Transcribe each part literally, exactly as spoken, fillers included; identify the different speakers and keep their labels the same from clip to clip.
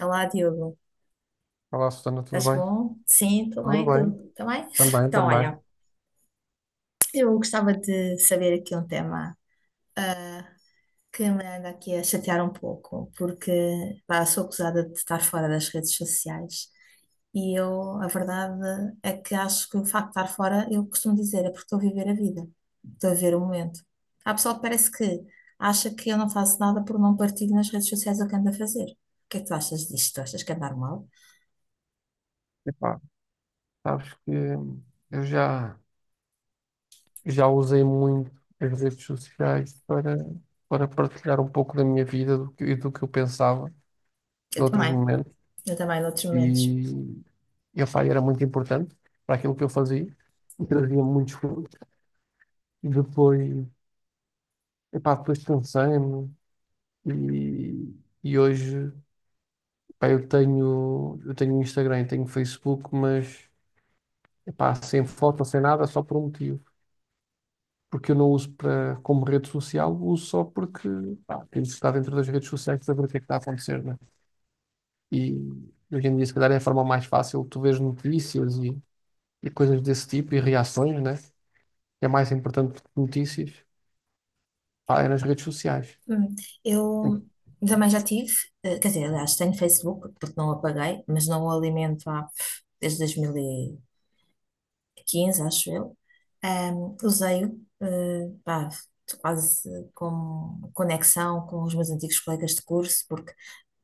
Speaker 1: Olá, Diogo.
Speaker 2: Olá, Susana, tudo
Speaker 1: Estás
Speaker 2: bem?
Speaker 1: bom? Sim, estou
Speaker 2: Tudo
Speaker 1: bem,
Speaker 2: bem,
Speaker 1: tu também?
Speaker 2: também,
Speaker 1: Então,
Speaker 2: também.
Speaker 1: olha, eu gostava de saber aqui um tema ah, que me anda aqui a chatear um pouco, porque pá, sou acusada de estar fora das redes sociais e eu, a verdade é que acho que o facto de estar fora, eu costumo dizer, é porque estou a viver a vida, estou a viver o momento. Há pessoal que parece que acha que eu não faço nada por não partilho nas redes sociais o que ando a fazer. O que é que tu achas disto? Tu achas que é normal?
Speaker 2: Epá, sabes que eu já, já usei muito as redes sociais para, para partilhar um pouco da minha vida do que, e do que eu pensava
Speaker 1: Eu
Speaker 2: noutros
Speaker 1: também,
Speaker 2: momentos.
Speaker 1: eu também, noutros
Speaker 2: E,
Speaker 1: momentos.
Speaker 2: e epá, era muito importante para aquilo que eu fazia e trazia muitos frutos. E depois, epá, depois cansei-me e, e hoje epá, eu tenho, eu tenho Instagram, tenho Facebook, mas epá, sem foto, sem nada, só por um motivo. Porque eu não uso para, como rede social, uso só porque pá, tenho que estar dentro das redes sociais para saber o que é que está a acontecer, né? E hoje em dia, se calhar, é a forma mais fácil, tu vês notícias e, e coisas desse tipo e reações, né? É mais importante que notícias, pá, é nas redes sociais.
Speaker 1: Hum, Eu também já tive, eh, quer dizer, aliás, tenho Facebook, porque não o apaguei, mas não o alimento há, pff, desde dois mil e quinze, acho eu. Ahm, usei-o, eh, pá, quase como conexão com os meus antigos colegas de curso, porque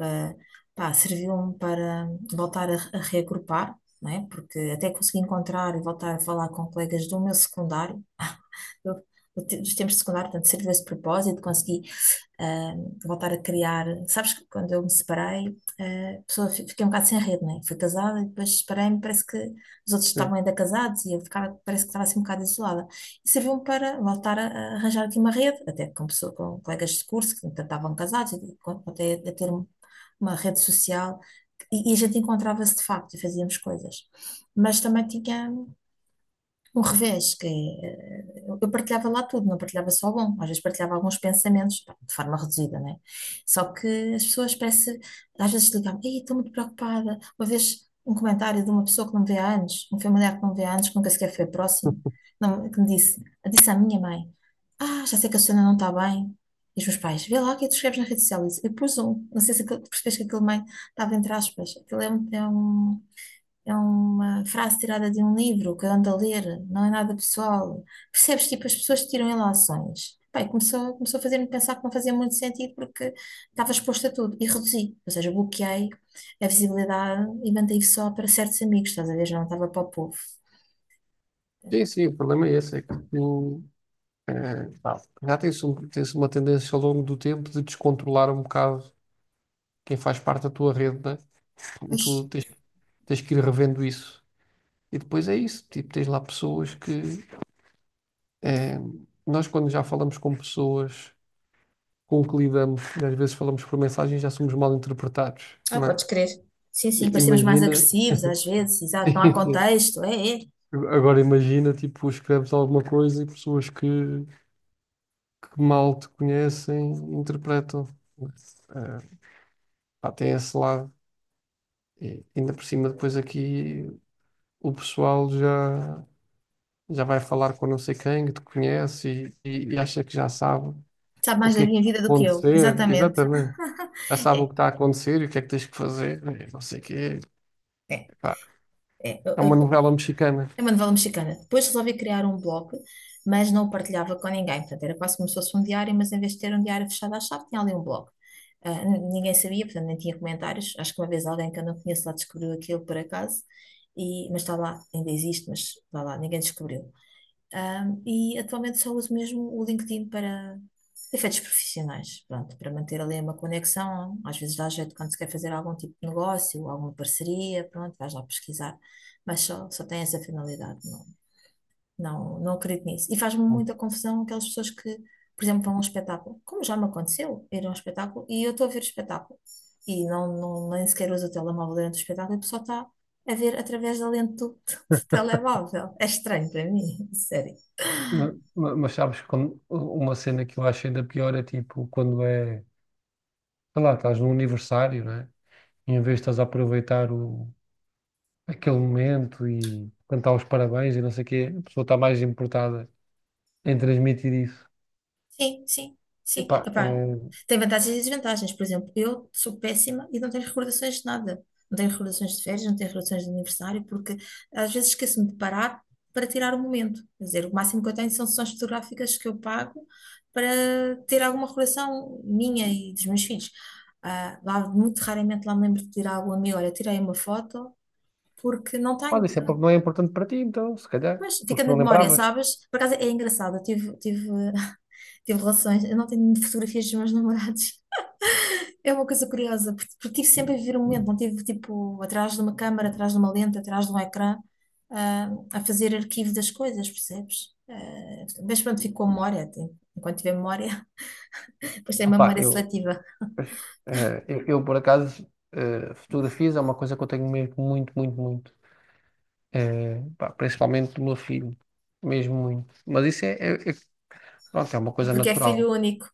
Speaker 1: eh, pá, serviu-me para voltar a, a reagrupar, não é? Porque até consegui encontrar e voltar a falar com colegas do meu secundário, eu, dos tempos de secundário, portanto, serviu esse propósito, consegui ah, voltar a criar. Sabes que quando eu me separei, ah, a pessoa, fiquei um bocado sem rede, né? Fui casada e depois separei-me, parece que os outros
Speaker 2: Sim,
Speaker 1: estavam ainda casados e eu ficava, parece que estava assim um bocado isolada. E serviu-me para voltar a, a arranjar aqui uma rede, até com, pessoa, com colegas de curso que ainda estavam casados, e até a ter um, uma rede social. E a gente encontrava-se de facto e fazíamos coisas. Mas também tinha um revés, que é, eh, eu partilhava lá tudo, não partilhava só o bom, às vezes partilhava alguns pensamentos, pá, de forma reduzida, né? Só que as pessoas parece, às vezes ligavam, ei, estou muito preocupada. Uma vez um comentário de uma pessoa que não me vê há anos, um familiar que não me vê há anos, que nunca sequer foi próximo, não- que me disse, "Ah, disse à minha mãe, ah, já sei que a Susana não está bem. E os meus pais, vê lá o que é que tu escreves na rede social." E eu pus um, não sei se aquilo- percebes que aquele mãe estava entre aspas, aquilo é um, é um é uma frase tirada de um livro que eu ando a ler, não é nada pessoal. Percebes? Tipo, as pessoas tiram ilações. Pai, começou, começou a fazer-me pensar que não fazia muito sentido porque estava exposta a tudo e reduzi, ou seja, bloqueei a visibilidade e mantei só para certos amigos, estás a ver? Já não estava para o povo.
Speaker 2: sim, sim, o problema é esse, é que tu, eh, pá, já tens, um- tens uma tendência ao longo do tempo de descontrolar um bocado quem faz parte da tua rede, né? Tu
Speaker 1: Pois.
Speaker 2: tens, tens que ir revendo isso. E depois é isso, tipo, tens lá pessoas que eh, nós quando já falamos com pessoas com que lidamos, e às vezes falamos por mensagem, já somos mal interpretados,
Speaker 1: Ah,
Speaker 2: não é?
Speaker 1: podes crer. Sim, sim,
Speaker 2: I-
Speaker 1: parecemos mais
Speaker 2: Imagina,
Speaker 1: agressivos às vezes, exato, não há contexto, é, é.
Speaker 2: agora imagina, tipo, escreves alguma coisa e pessoas que, que mal te conhecem interpretam. Eh, Pá, tem esse lado. E ainda por cima, depois aqui o pessoal já, já vai falar com não sei quem que te conhece e, e- e- acha que já sabe.
Speaker 1: Sabe
Speaker 2: O
Speaker 1: mais
Speaker 2: que
Speaker 1: da
Speaker 2: é que
Speaker 1: minha
Speaker 2: está a
Speaker 1: vida do que eu,
Speaker 2: acontecer,
Speaker 1: exatamente.
Speaker 2: exatamente. Já sabe o que
Speaker 1: É,
Speaker 2: está a acontecer e o que é que tens que fazer, e não sei o quê.
Speaker 1: é,
Speaker 2: Pá,
Speaker 1: é. Eu,
Speaker 2: é uma
Speaker 1: eu,
Speaker 2: novela mexicana.
Speaker 1: É uma novela mexicana. Depois resolvi criar um blog, mas não o partilhava com ninguém. Portanto, era quase como se fosse um diário, mas em vez de ter um diário fechado à chave, tinha ali um blog. Ah, n- ninguém sabia, portanto, nem tinha comentários. Acho que uma vez alguém que eu não conheço lá descobriu aquilo por acaso, e, mas está lá, ainda existe, mas está lá, ninguém descobriu. Um, e atualmente só uso mesmo o LinkedIn para efeitos profissionais, pronto, para manter ali uma conexão. Às vezes dá jeito quando se quer fazer algum tipo de negócio, alguma parceria, pronto, vais lá pesquisar, mas só, só tem essa finalidade, não, não, não acredito nisso. E faz-me muita confusão aquelas pessoas que, por exemplo, vão a um espetáculo, como já me aconteceu, ir a um espetáculo e eu estou a ver o espetáculo e não, não, nem sequer uso o telemóvel durante o espetáculo e a pessoa está. A ver através da lente do, do telemóvel. É estranho para mim, sério.
Speaker 2: Mas, mas- mas sabes, quando, uma cena que eu acho ainda pior é tipo quando é, sei lá, estás num aniversário, né? E em vez de estás a aproveitar o, aquele momento e cantar os parabéns e não sei o quê, a pessoa está mais importada em transmitir isso.
Speaker 1: Sim, sim, sim.
Speaker 2: Epá,
Speaker 1: Epá,
Speaker 2: eh,
Speaker 1: tem vantagens e desvantagens. Por exemplo, eu sou péssima e não tenho recordações de nada. Não tenho recordações de férias, não tenho recordações de aniversário, porque às vezes esqueço-me de parar para tirar o momento. Quer dizer, o máximo que eu tenho são sessões fotográficas que eu pago para ter alguma recordação minha e dos meus filhos. Ah, lá, muito raramente lá me lembro de tirar algum amigo. Olha, tirei uma foto porque não
Speaker 2: Olha,
Speaker 1: tenho.
Speaker 2: isso é porque não é importante para ti, então, se calhar,
Speaker 1: Mas
Speaker 2: porque
Speaker 1: fica
Speaker 2: se
Speaker 1: na
Speaker 2: não
Speaker 1: memória,
Speaker 2: lembravas.
Speaker 1: sabes? Por acaso é engraçado. Eu tive, tive Tive relações, eu não tenho fotografias dos meus namorados. É uma coisa curiosa, porque, porque tive sempre a viver um momento, não tive tipo atrás de uma câmara, atrás de uma lente, atrás de um ecrã, ah, a fazer arquivo das coisas, percebes? Ah, mas pronto, fico com a memória, tem- enquanto tiver memória, depois tem uma
Speaker 2: Opá,
Speaker 1: memória
Speaker 2: eu,
Speaker 1: seletiva.
Speaker 2: Eh, eu, eu, Por acaso, eh, fotografias é uma coisa que eu tenho mesmo muito, muito, muito. Eh, pá, principalmente do meu filho. Mesmo muito. Mas isso é, é, é- pronto, é uma coisa
Speaker 1: Porque é
Speaker 2: natural.
Speaker 1: filho único,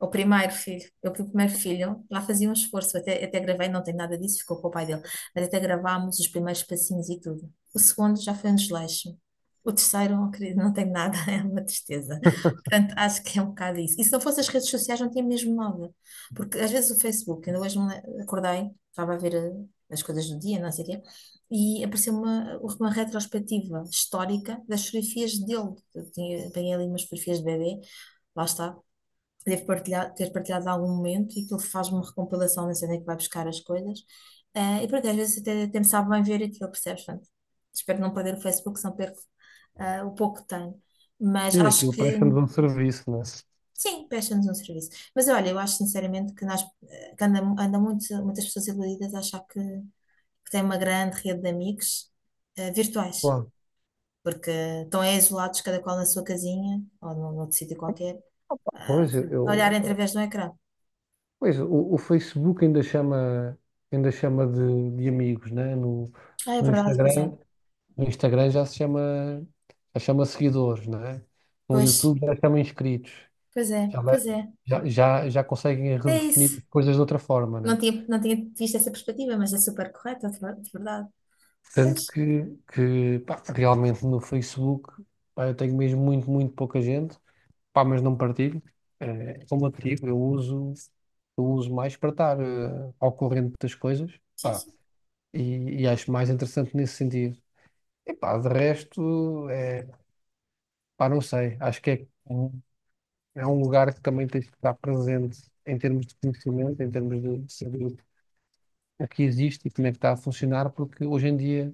Speaker 1: é o primeiro filho. Eu fui o primeiro filho, lá fazia um esforço, até, até gravei, não tem nada disso, ficou com o pai dele, mas até gravámos os primeiros passinhos e tudo. O segundo já foi um desleixo. O terceiro, oh, querido, não tem nada, é uma tristeza. Portanto, acho que é um bocado isso. E se não fossem as redes sociais, não tinha mesmo nada. Porque às vezes o Facebook, ainda hoje me le- acordei, estava a ver eh, as coisas do dia, não sei o quê, e apareceu uma, uma retrospectiva histórica das fotografias dele. Eu tinha, apanhei ali umas fotografias de bebê, lá está, devo partilhar, ter partilhado algum momento e que ele faz uma recompilação da cena que vai buscar as coisas. Eh, e porque às vezes até, até me sabe bem ver aquilo, percebes? Portanto, espero não perder o Facebook, senão perco ah, o pouco que tenho. Mas
Speaker 2: E
Speaker 1: acho
Speaker 2: aquilo
Speaker 1: que,
Speaker 2: presta-nos um serviço, né?
Speaker 1: sim, presta-nos um serviço. Mas olha, eu acho sinceramente que, nós, eh, que anda anda muito, muitas pessoas iludidas a achar que, que têm uma grande rede de amigos eh, virtuais,
Speaker 2: Claro.
Speaker 1: porque estão é isolados, cada qual na sua casinha ou num outro sítio qualquer, ah,
Speaker 2: Pois,
Speaker 1: a olhar
Speaker 2: eu,
Speaker 1: através de um ecrã.
Speaker 2: Pois o, o Facebook ainda chama, ainda chama de, de amigos, né? No,
Speaker 1: Ah, é
Speaker 2: no
Speaker 1: verdade, pois é.
Speaker 2: Instagram, no Instagram já se chama, já chama seguidores, né? No
Speaker 1: Pois,
Speaker 2: YouTube já chama inscritos.
Speaker 1: pois é,
Speaker 2: Já, le-
Speaker 1: pois é.
Speaker 2: já, já, Já conseguem
Speaker 1: É
Speaker 2: redefinir
Speaker 1: isso.
Speaker 2: as coisas de outra forma,
Speaker 1: Não
Speaker 2: né?
Speaker 1: tinha, não tinha visto essa perspectiva, mas é super correta, de ver- de verdade.
Speaker 2: Tanto
Speaker 1: Pois,
Speaker 2: que, que pá, realmente no Facebook, pá, eu tenho mesmo muito, muito pouca gente, pá, mas não partilho. Eh, como eu te digo, eu uso, eu uso mais para estar eh, ao corrente das coisas,
Speaker 1: sim,
Speaker 2: pá,
Speaker 1: sim.
Speaker 2: e, e acho mais interessante nesse sentido. E pá, de resto, é, pá, não sei, acho que é, um- é um lugar que também tens que estar presente em termos de conhecimento, em termos de saber o que existe e como é que está a funcionar, porque hoje em dia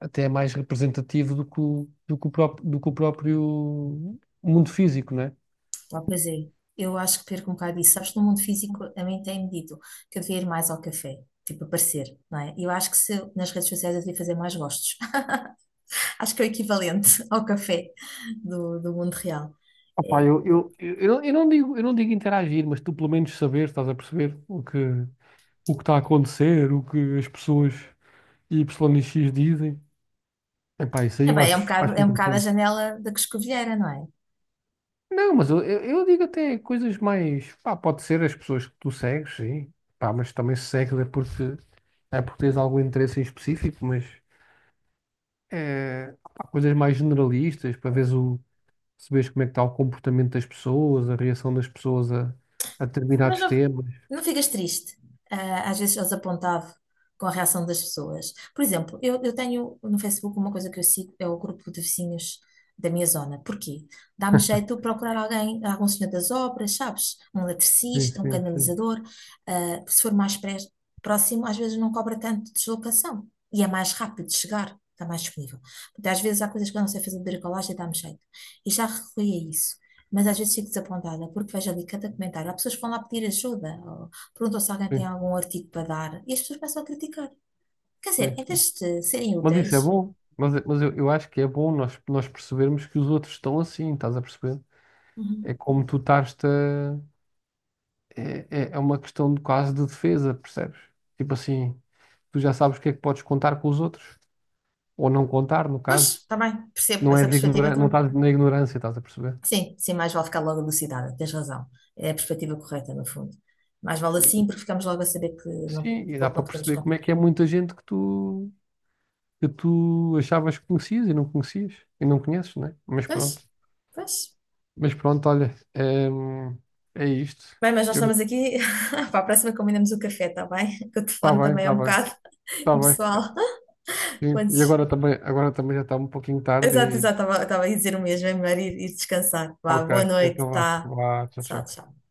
Speaker 2: até é mais representativo do que o, do que o, pró- do que o próprio mundo físico, né?
Speaker 1: Ah, pois é. Eu acho que perco um bocado isso. Sabes, no mundo físico, a mim tem-me dito que eu devia ir mais ao café, tipo, aparecer, não é? Eu acho que se eu- nas redes sociais eu devia fazer mais gostos. Acho que é o equivalente ao café do, do mundo real.
Speaker 2: Opa,
Speaker 1: É,
Speaker 2: eu, eu, eu, eu não eu não digo, eu não digo interagir, mas tu pelo menos saber, estás a perceber o que, o que está a acontecer, o que as pessoas Y e X dizem. Epá, isso aí
Speaker 1: é
Speaker 2: eu
Speaker 1: bem, é um
Speaker 2: acho,
Speaker 1: bocado,
Speaker 2: acho
Speaker 1: é um bocado a
Speaker 2: interessante.
Speaker 1: janela da Coscovilheira, não é?
Speaker 2: Não, mas eu, eu, eu digo até coisas mais. Pá, pode ser as pessoas que tu segues, sim. Pá, mas também se segues é porque, é porque tens algum interesse em específico, mas. É, pá, coisas mais generalistas para veres o, perceberes como é que está o comportamento das pessoas, a reação das pessoas a, a
Speaker 1: Mas
Speaker 2: determinados
Speaker 1: não
Speaker 2: temas.
Speaker 1: Não ficas triste. Ah, às vezes eu desapontado com a reação das pessoas. Por exemplo, eu, eu tenho no Facebook uma coisa que eu sigo, é o grupo de vizinhos da minha zona. Porquê? Dá-me jeito de procurar alguém, algum senhor das obras, sabes? Um
Speaker 2: Sim,
Speaker 1: eletricista, um
Speaker 2: sim, sim,
Speaker 1: canalizador. Ah, se for mais pré- próximo, às vezes não cobra tanto de deslocação e é mais rápido de chegar. Está mais disponível. Porque às vezes há coisas que eu não sei fazer de bricolagem e dá-me jeito. E já recorri a isso. Mas às vezes fico desapontada, porque vejo ali cada comentário. Há pessoas que vão lá pedir ajuda, ou perguntam se alguém tem
Speaker 2: sim,
Speaker 1: algum artigo para dar, e as pessoas começam a criticar. Quer dizer,
Speaker 2: sim,
Speaker 1: em
Speaker 2: sim.
Speaker 1: vez de serem
Speaker 2: Mas isso é
Speaker 1: úteis,
Speaker 2: bom. Mas, mas eu, eu acho que é bom nós, nós percebermos que os outros estão assim, estás a perceber?
Speaker 1: uhum.
Speaker 2: É como tu estás a... É, é é uma questão de quase de defesa, percebes? Tipo assim, tu já sabes o que é que podes contar com os outros, ou não contar, no
Speaker 1: Pois,
Speaker 2: caso.
Speaker 1: está bem, percebo
Speaker 2: Não
Speaker 1: essa
Speaker 2: és
Speaker 1: perspectiva
Speaker 2: ignorante, não
Speaker 1: também.
Speaker 2: estás na ignorância, estás a perceber?
Speaker 1: Sim, sim, mais vale ficar logo elucidada, tens razão. É a perspectiva correta, no fundo. Mais vale assim, porque ficamos logo a saber que não,
Speaker 2: Sim, e
Speaker 1: com o
Speaker 2: dá
Speaker 1: que
Speaker 2: para
Speaker 1: não podemos
Speaker 2: perceber
Speaker 1: contar.
Speaker 2: como é que é muita gente que tu, que tu achavas que conhecias e não conhecias e não conheces, não é? Mas
Speaker 1: Pois,
Speaker 2: pronto,
Speaker 1: pois.
Speaker 2: mas pronto, olha, hum, é, isto.
Speaker 1: Bem, mas nós
Speaker 2: Eu,
Speaker 1: estamos aqui. Para a próxima combinamos o café, está bem? Que o
Speaker 2: está
Speaker 1: telefone
Speaker 2: bem,
Speaker 1: também é
Speaker 2: está
Speaker 1: um
Speaker 2: bem,
Speaker 1: bocado
Speaker 2: está bem.
Speaker 1: pessoal.
Speaker 2: Sim. E
Speaker 1: Antes.
Speaker 2: agora também, agora também já está um pouquinho tarde
Speaker 1: Exato,
Speaker 2: e
Speaker 1: exato, estava a dizer o mesmo, é melhor ir, ir descansar. Vá, boa
Speaker 2: ok,
Speaker 1: noite,
Speaker 2: então vá,
Speaker 1: tá?
Speaker 2: vá, tchau,
Speaker 1: Tchau,
Speaker 2: tchau.
Speaker 1: tchau.